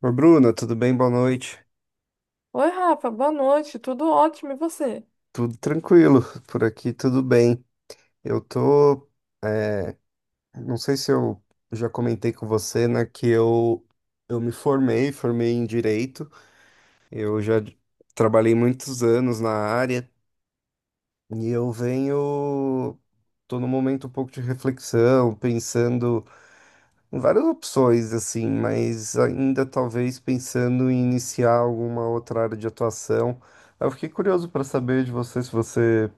Ô, Bruna, tudo bem? Boa noite. Oi, Rafa, boa noite, tudo ótimo, e você? Tudo tranquilo, por aqui tudo bem. Eu tô, é, não sei se eu já comentei com você, né, eu me formei em Direito. Eu já d- Trabalhei muitos anos na área e eu tô num momento um pouco de reflexão, pensando em várias opções, assim, mas ainda talvez pensando em iniciar alguma outra área de atuação. Eu fiquei curioso para saber de você se você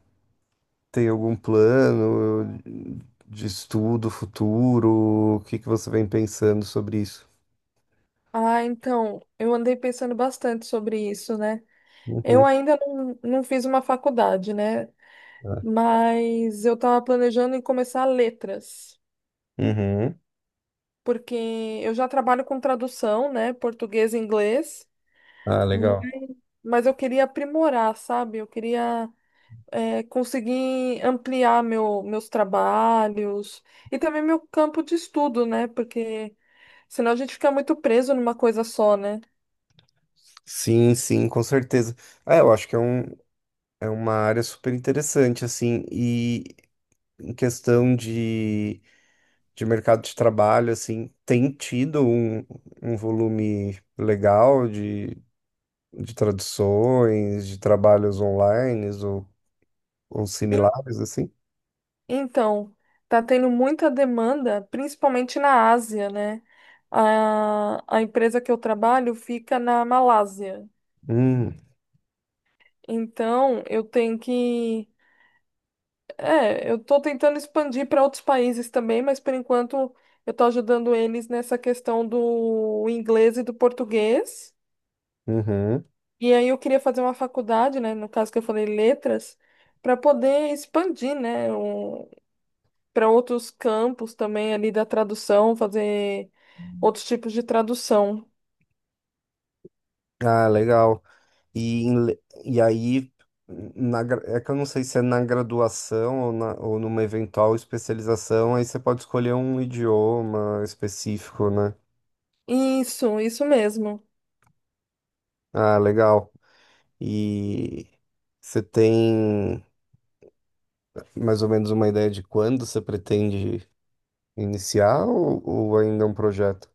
tem algum plano de estudo futuro? O que que você vem pensando sobre isso? Ah, então, eu andei pensando bastante sobre isso, né? Eu Uhum. ainda não fiz uma faculdade, né? Ah, Mas eu estava planejando em começar letras, uhum. porque eu já trabalho com tradução, né? Português e inglês, Ah, hum, legal. mas eu queria aprimorar, sabe? Eu queria, conseguir ampliar meus trabalhos e também meu campo de estudo, né? Porque senão a gente fica muito preso numa coisa só, né? Sim, sim, com certeza. Ah, eu acho que é é uma área super interessante, assim, e em questão de mercado de trabalho, assim, tem tido um volume legal de traduções, de trabalhos online ou En- similares, assim? Então, tá tendo muita demanda, principalmente na Ásia, né? A empresa que eu trabalho fica na Malásia. Hum, Então, eu tenho que. É, eu tô tentando expandir para outros países também, mas por enquanto eu tô ajudando eles nessa questão do inglês e do português. uhum. E aí eu queria fazer uma faculdade, né? No caso que eu falei letras, para poder expandir, né? Para outros campos também ali da tradução, fazer outros tipos de tradução. Ah, legal. E, em le- e aí, É que eu não sei se é na graduação ou numa eventual especialização, aí você pode escolher um idioma específico, né? Isso mesmo. Ah, legal. E você tem mais ou menos uma ideia de quando você pretende iniciar ou ainda é um projeto?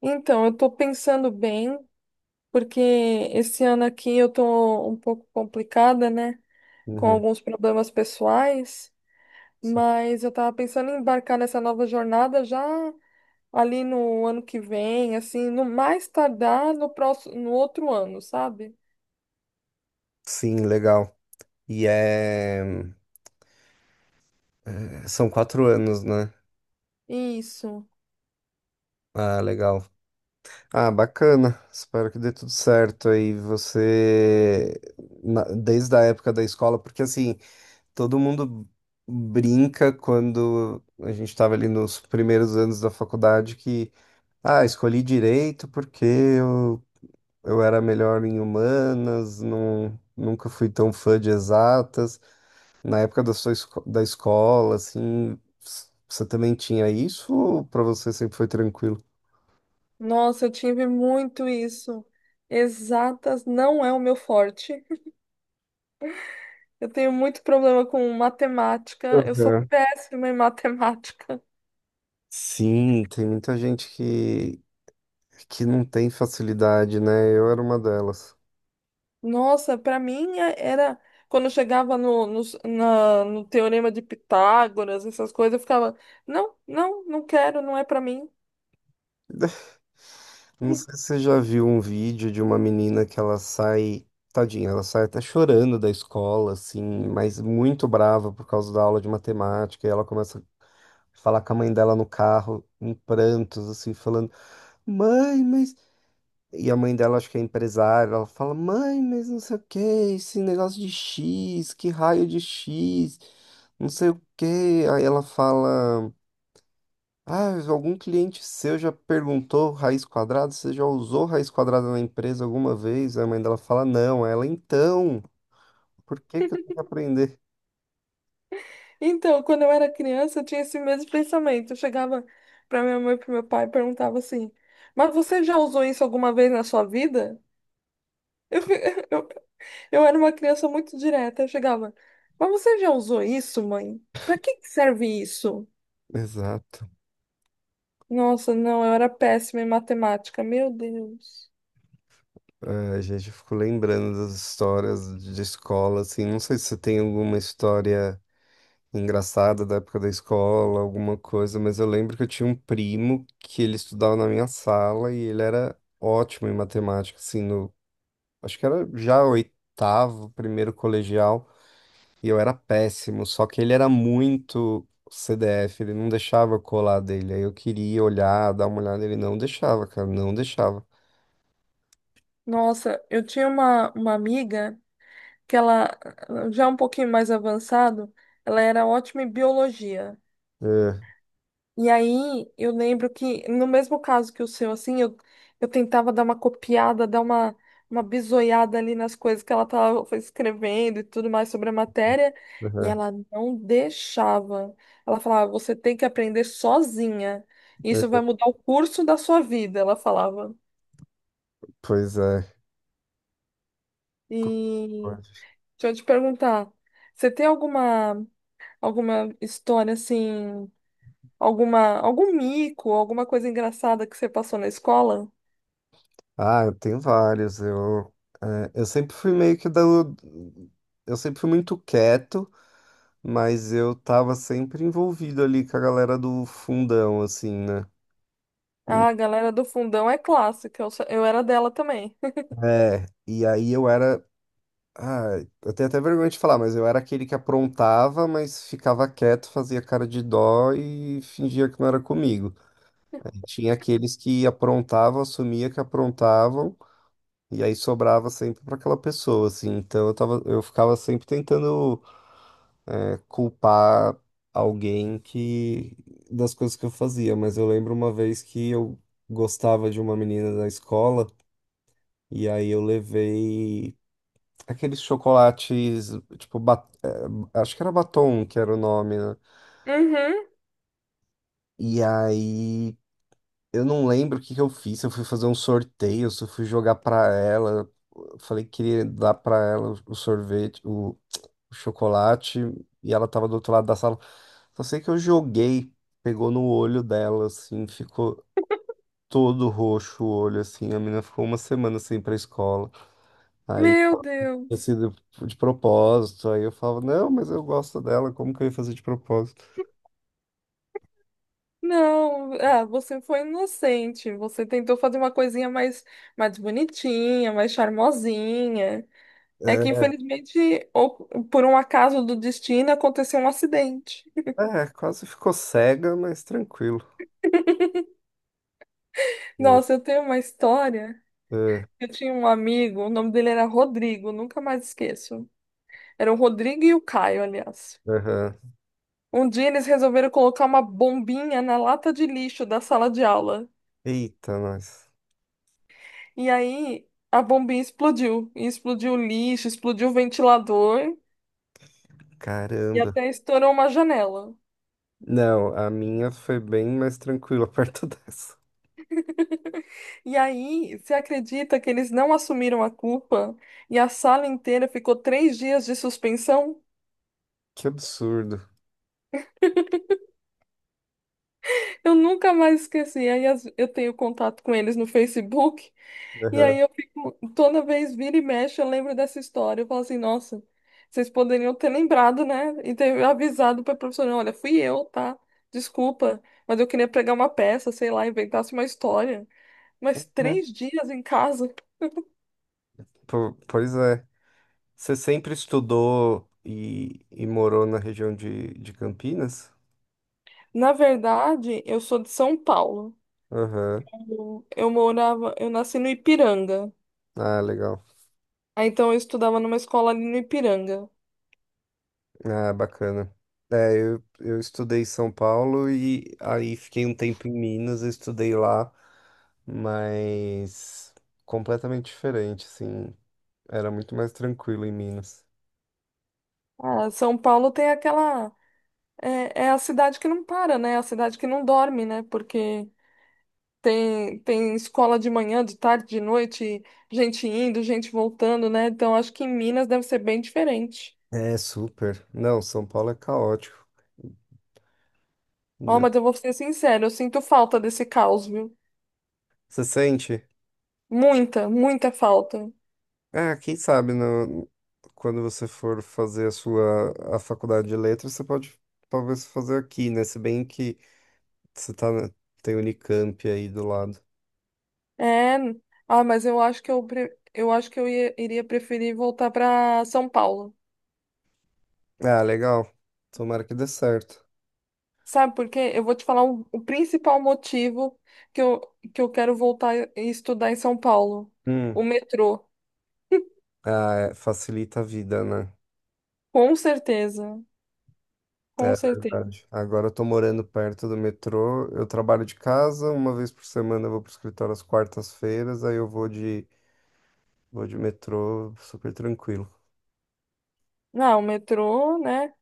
Então, eu estou pensando bem, porque esse ano aqui eu estou um pouco complicada, né? Com Uhum. alguns problemas pessoais, mas eu estava pensando em embarcar nessa nova jornada já ali no ano que vem, assim, no mais tardar no próximo, no outro ano, sabe? Sim, legal. E é... São quatro anos, né? Isso. Ah, legal. Ah, bacana. Espero que dê tudo certo aí. Desde a época da escola, porque assim, todo mundo brinca quando a gente estava ali nos primeiros anos da faculdade que, ah, escolhi direito eu era melhor em humanas, não, nunca fui tão fã de exatas. Na época da sua esco- da escola, assim, s- você também tinha isso ou para você sempre foi tranquilo? Nossa, eu tive muito isso. Exatas não é o meu forte. Eu tenho muito problema com matemática. Eu sou péssima em matemática. Sim, tem muita gente que não tem facilidade, né? Eu era uma delas. Nossa, para mim era. Quando eu chegava no Teorema de Pitágoras, essas coisas, eu ficava: não, não, não quero, não é para mim. Não sei se você já viu um vídeo de uma menina que ela sai, tadinha, ela sai até chorando da escola, assim, mas muito brava por causa da aula de matemática, e ela começa a falar com a mãe dela no carro, em prantos, assim, falando: Mãe, mas... E a mãe dela, acho que é empresária, ela fala, mãe, mas não sei o que, esse negócio de X, que raio de X, não sei o que. Aí ela fala, ah, algum cliente seu já perguntou raiz quadrada? Você já usou raiz quadrada na empresa alguma vez? Aí a mãe dela fala, não. Ela, então, por que que eu tenho que aprender? Então, quando eu era criança, eu tinha esse mesmo pensamento. Eu chegava para minha mãe e para meu pai e perguntava assim: mas você já usou isso alguma vez na sua vida? Eu, fi- Eu era uma criança muito direta. Eu chegava, mas você já usou isso, mãe? Pra que que serve isso? Exato. Nossa, não, eu era péssima em matemática, meu Deus. É, a gente ficou lembrando das histórias de escola, assim, não sei se você tem alguma história engraçada da época da escola, alguma coisa, mas eu lembro que eu tinha um primo que ele estudava na minha sala e ele era ótimo em matemática, assim, no, acho que era já oitavo, primeiro colegial, e eu era péssimo, só que ele era muito CDF, ele não deixava eu colar dele, aí eu queria olhar, dar uma olhada, ele não deixava, cara, não deixava. Nossa, eu tinha uma amiga que ela, já um pouquinho mais avançado, ela era ótima em biologia. É, E aí eu lembro que, no mesmo caso que o seu, assim, eu tentava dar uma copiada, uma bisoiada ali nas coisas que ela estava escrevendo e tudo mais sobre a matéria, e aham, ela não deixava. Ela falava, você tem que aprender sozinha. Isso vai é, mudar o curso da sua vida, ela falava. pois é. E deixa eu te perguntar, você tem alguma, alguma história assim, alguma, algum mico, alguma coisa engraçada que você passou na escola? Ah, eu tenho vários. Eu sempre fui meio que da... Eu sempre fui muito quieto, mas eu tava sempre envolvido ali com a galera do fundão, assim, né? Hum. Ah, a galera do fundão é clássica. Eu, eu era dela também. É, e aí eu era... Ah, eu tenho até vergonha de falar, mas eu era aquele que aprontava, mas ficava quieto, fazia cara de dó e fingia que não era comigo. Aí tinha aqueles que aprontavam, assumia que aprontavam, e aí sobrava sempre para aquela pessoa, assim. Então eu ficava sempre tentando culpar alguém que das coisas que eu fazia, mas eu lembro uma vez que eu gostava de uma menina da escola e aí eu levei aqueles chocolates, tipo, ba- é, acho que era batom que era o nome, né? Uhum. E aí eu não lembro o que que eu fiz, se eu fui fazer um sorteio, se eu fui jogar pra ela, eu falei que queria dar pra ela o sorvete, chocolate e ela tava do outro lado da sala. Só sei que eu joguei, pegou no olho dela, assim, ficou todo roxo o olho, assim. A menina ficou uma semana sem ir pra escola. Aí, Meu tinha Deus. sido de propósito. Aí eu falava, não, mas eu gosto dela, como que eu ia fazer de propósito? Não, ah, você foi inocente. Você tentou fazer uma coisinha mais, mais bonitinha, mais charmosinha. É que, É, infelizmente, ou por um acaso do destino, aconteceu um acidente. é, quase ficou cega, mas tranquilo. Nossa, eu tenho uma história. É, é, Eu tinha um amigo, o nome dele era Rodrigo, nunca mais esqueço. Era o Rodrigo e o Caio, aliás. aham. Um dia eles resolveram colocar uma bombinha na lata de lixo da sala de aula. Eita, nós. E aí a bombinha explodiu. E explodiu o lixo, explodiu o ventilador e Caramba. até estourou uma janela. Não, a minha foi bem mais tranquila perto dessa. E aí, você acredita que eles não assumiram a culpa e a sala inteira ficou 3 dias de suspensão? Que absurdo. Eu nunca mais esqueci. Aí eu tenho contato com eles no Facebook. E Aham. aí eu fico, toda vez vira e mexe, eu lembro dessa história. Eu falo assim, nossa, vocês poderiam ter lembrado, né? E ter avisado para professora, olha, fui eu, tá? Desculpa, mas eu queria pregar uma peça, sei lá, inventasse uma história. Mas 3 dias em casa. Pois é. Você sempre estudou e morou na região de Campinas? Na verdade, eu sou de São Paulo. Aham. Eu morava, eu nasci no Ipiranga. Ah, legal. Aí, então eu estudava numa escola ali no Ipiranga. Ah, bacana. É, eu estudei em São Paulo e aí fiquei um tempo em Minas, eu estudei lá, mas completamente diferente, assim. Era muito mais tranquilo em Minas. Ah, São Paulo tem aquela. É, é a cidade que não para, né? É a cidade que não dorme, né? Porque tem escola de manhã, de tarde, de noite, gente indo, gente voltando, né? Então acho que em Minas deve ser bem diferente. É, super. Não, São Paulo é caótico. Ó, mas eu vou ser sincero, eu sinto falta desse caos, viu? Você sente? Muita, muita falta. É, quem sabe, no, quando você for fazer a sua a faculdade de letras, você pode talvez fazer aqui, né? Se bem que você tá, na- tem Unicamp aí do lado. É, ah, mas eu acho que eu acho que eu iria preferir voltar para São Paulo. Ah, legal. Tomara que dê certo. Sabe por quê? Eu vou te falar o principal motivo que eu, que eu quero voltar e estudar em São Paulo. Hum. O metrô. Ah, é, facilita a vida, né? Com certeza, com É certeza. verdade. Agora eu tô morando perto do metrô, eu trabalho de casa, uma vez por semana eu vou pro escritório às quartas-feiras, aí eu vou de metrô super tranquilo. Não, o metrô, né?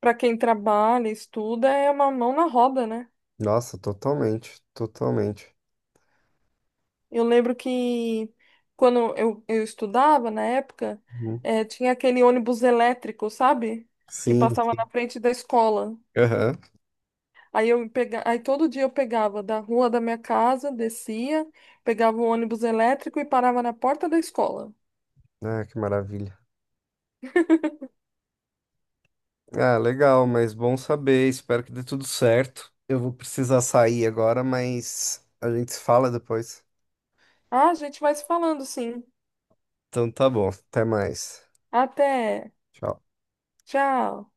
Para quem trabalha, estuda, é uma mão na roda, né? Nossa, totalmente, totalmente. Eu lembro que eu estudava, na época, Uhum. Tinha aquele ônibus elétrico, sabe? Que Sim, passava na sim. frente da escola. Aham. Aí todo dia eu pegava da rua da minha casa, descia, pegava o ônibus elétrico e parava na porta da escola. Ah, que maravilha. Ah, legal, mas bom saber. Espero que dê tudo certo. Eu vou precisar sair agora, mas a gente se fala depois. Ah, a gente vai se falando, sim. Então tá bom. Até mais. Até. Tchau. Tchau.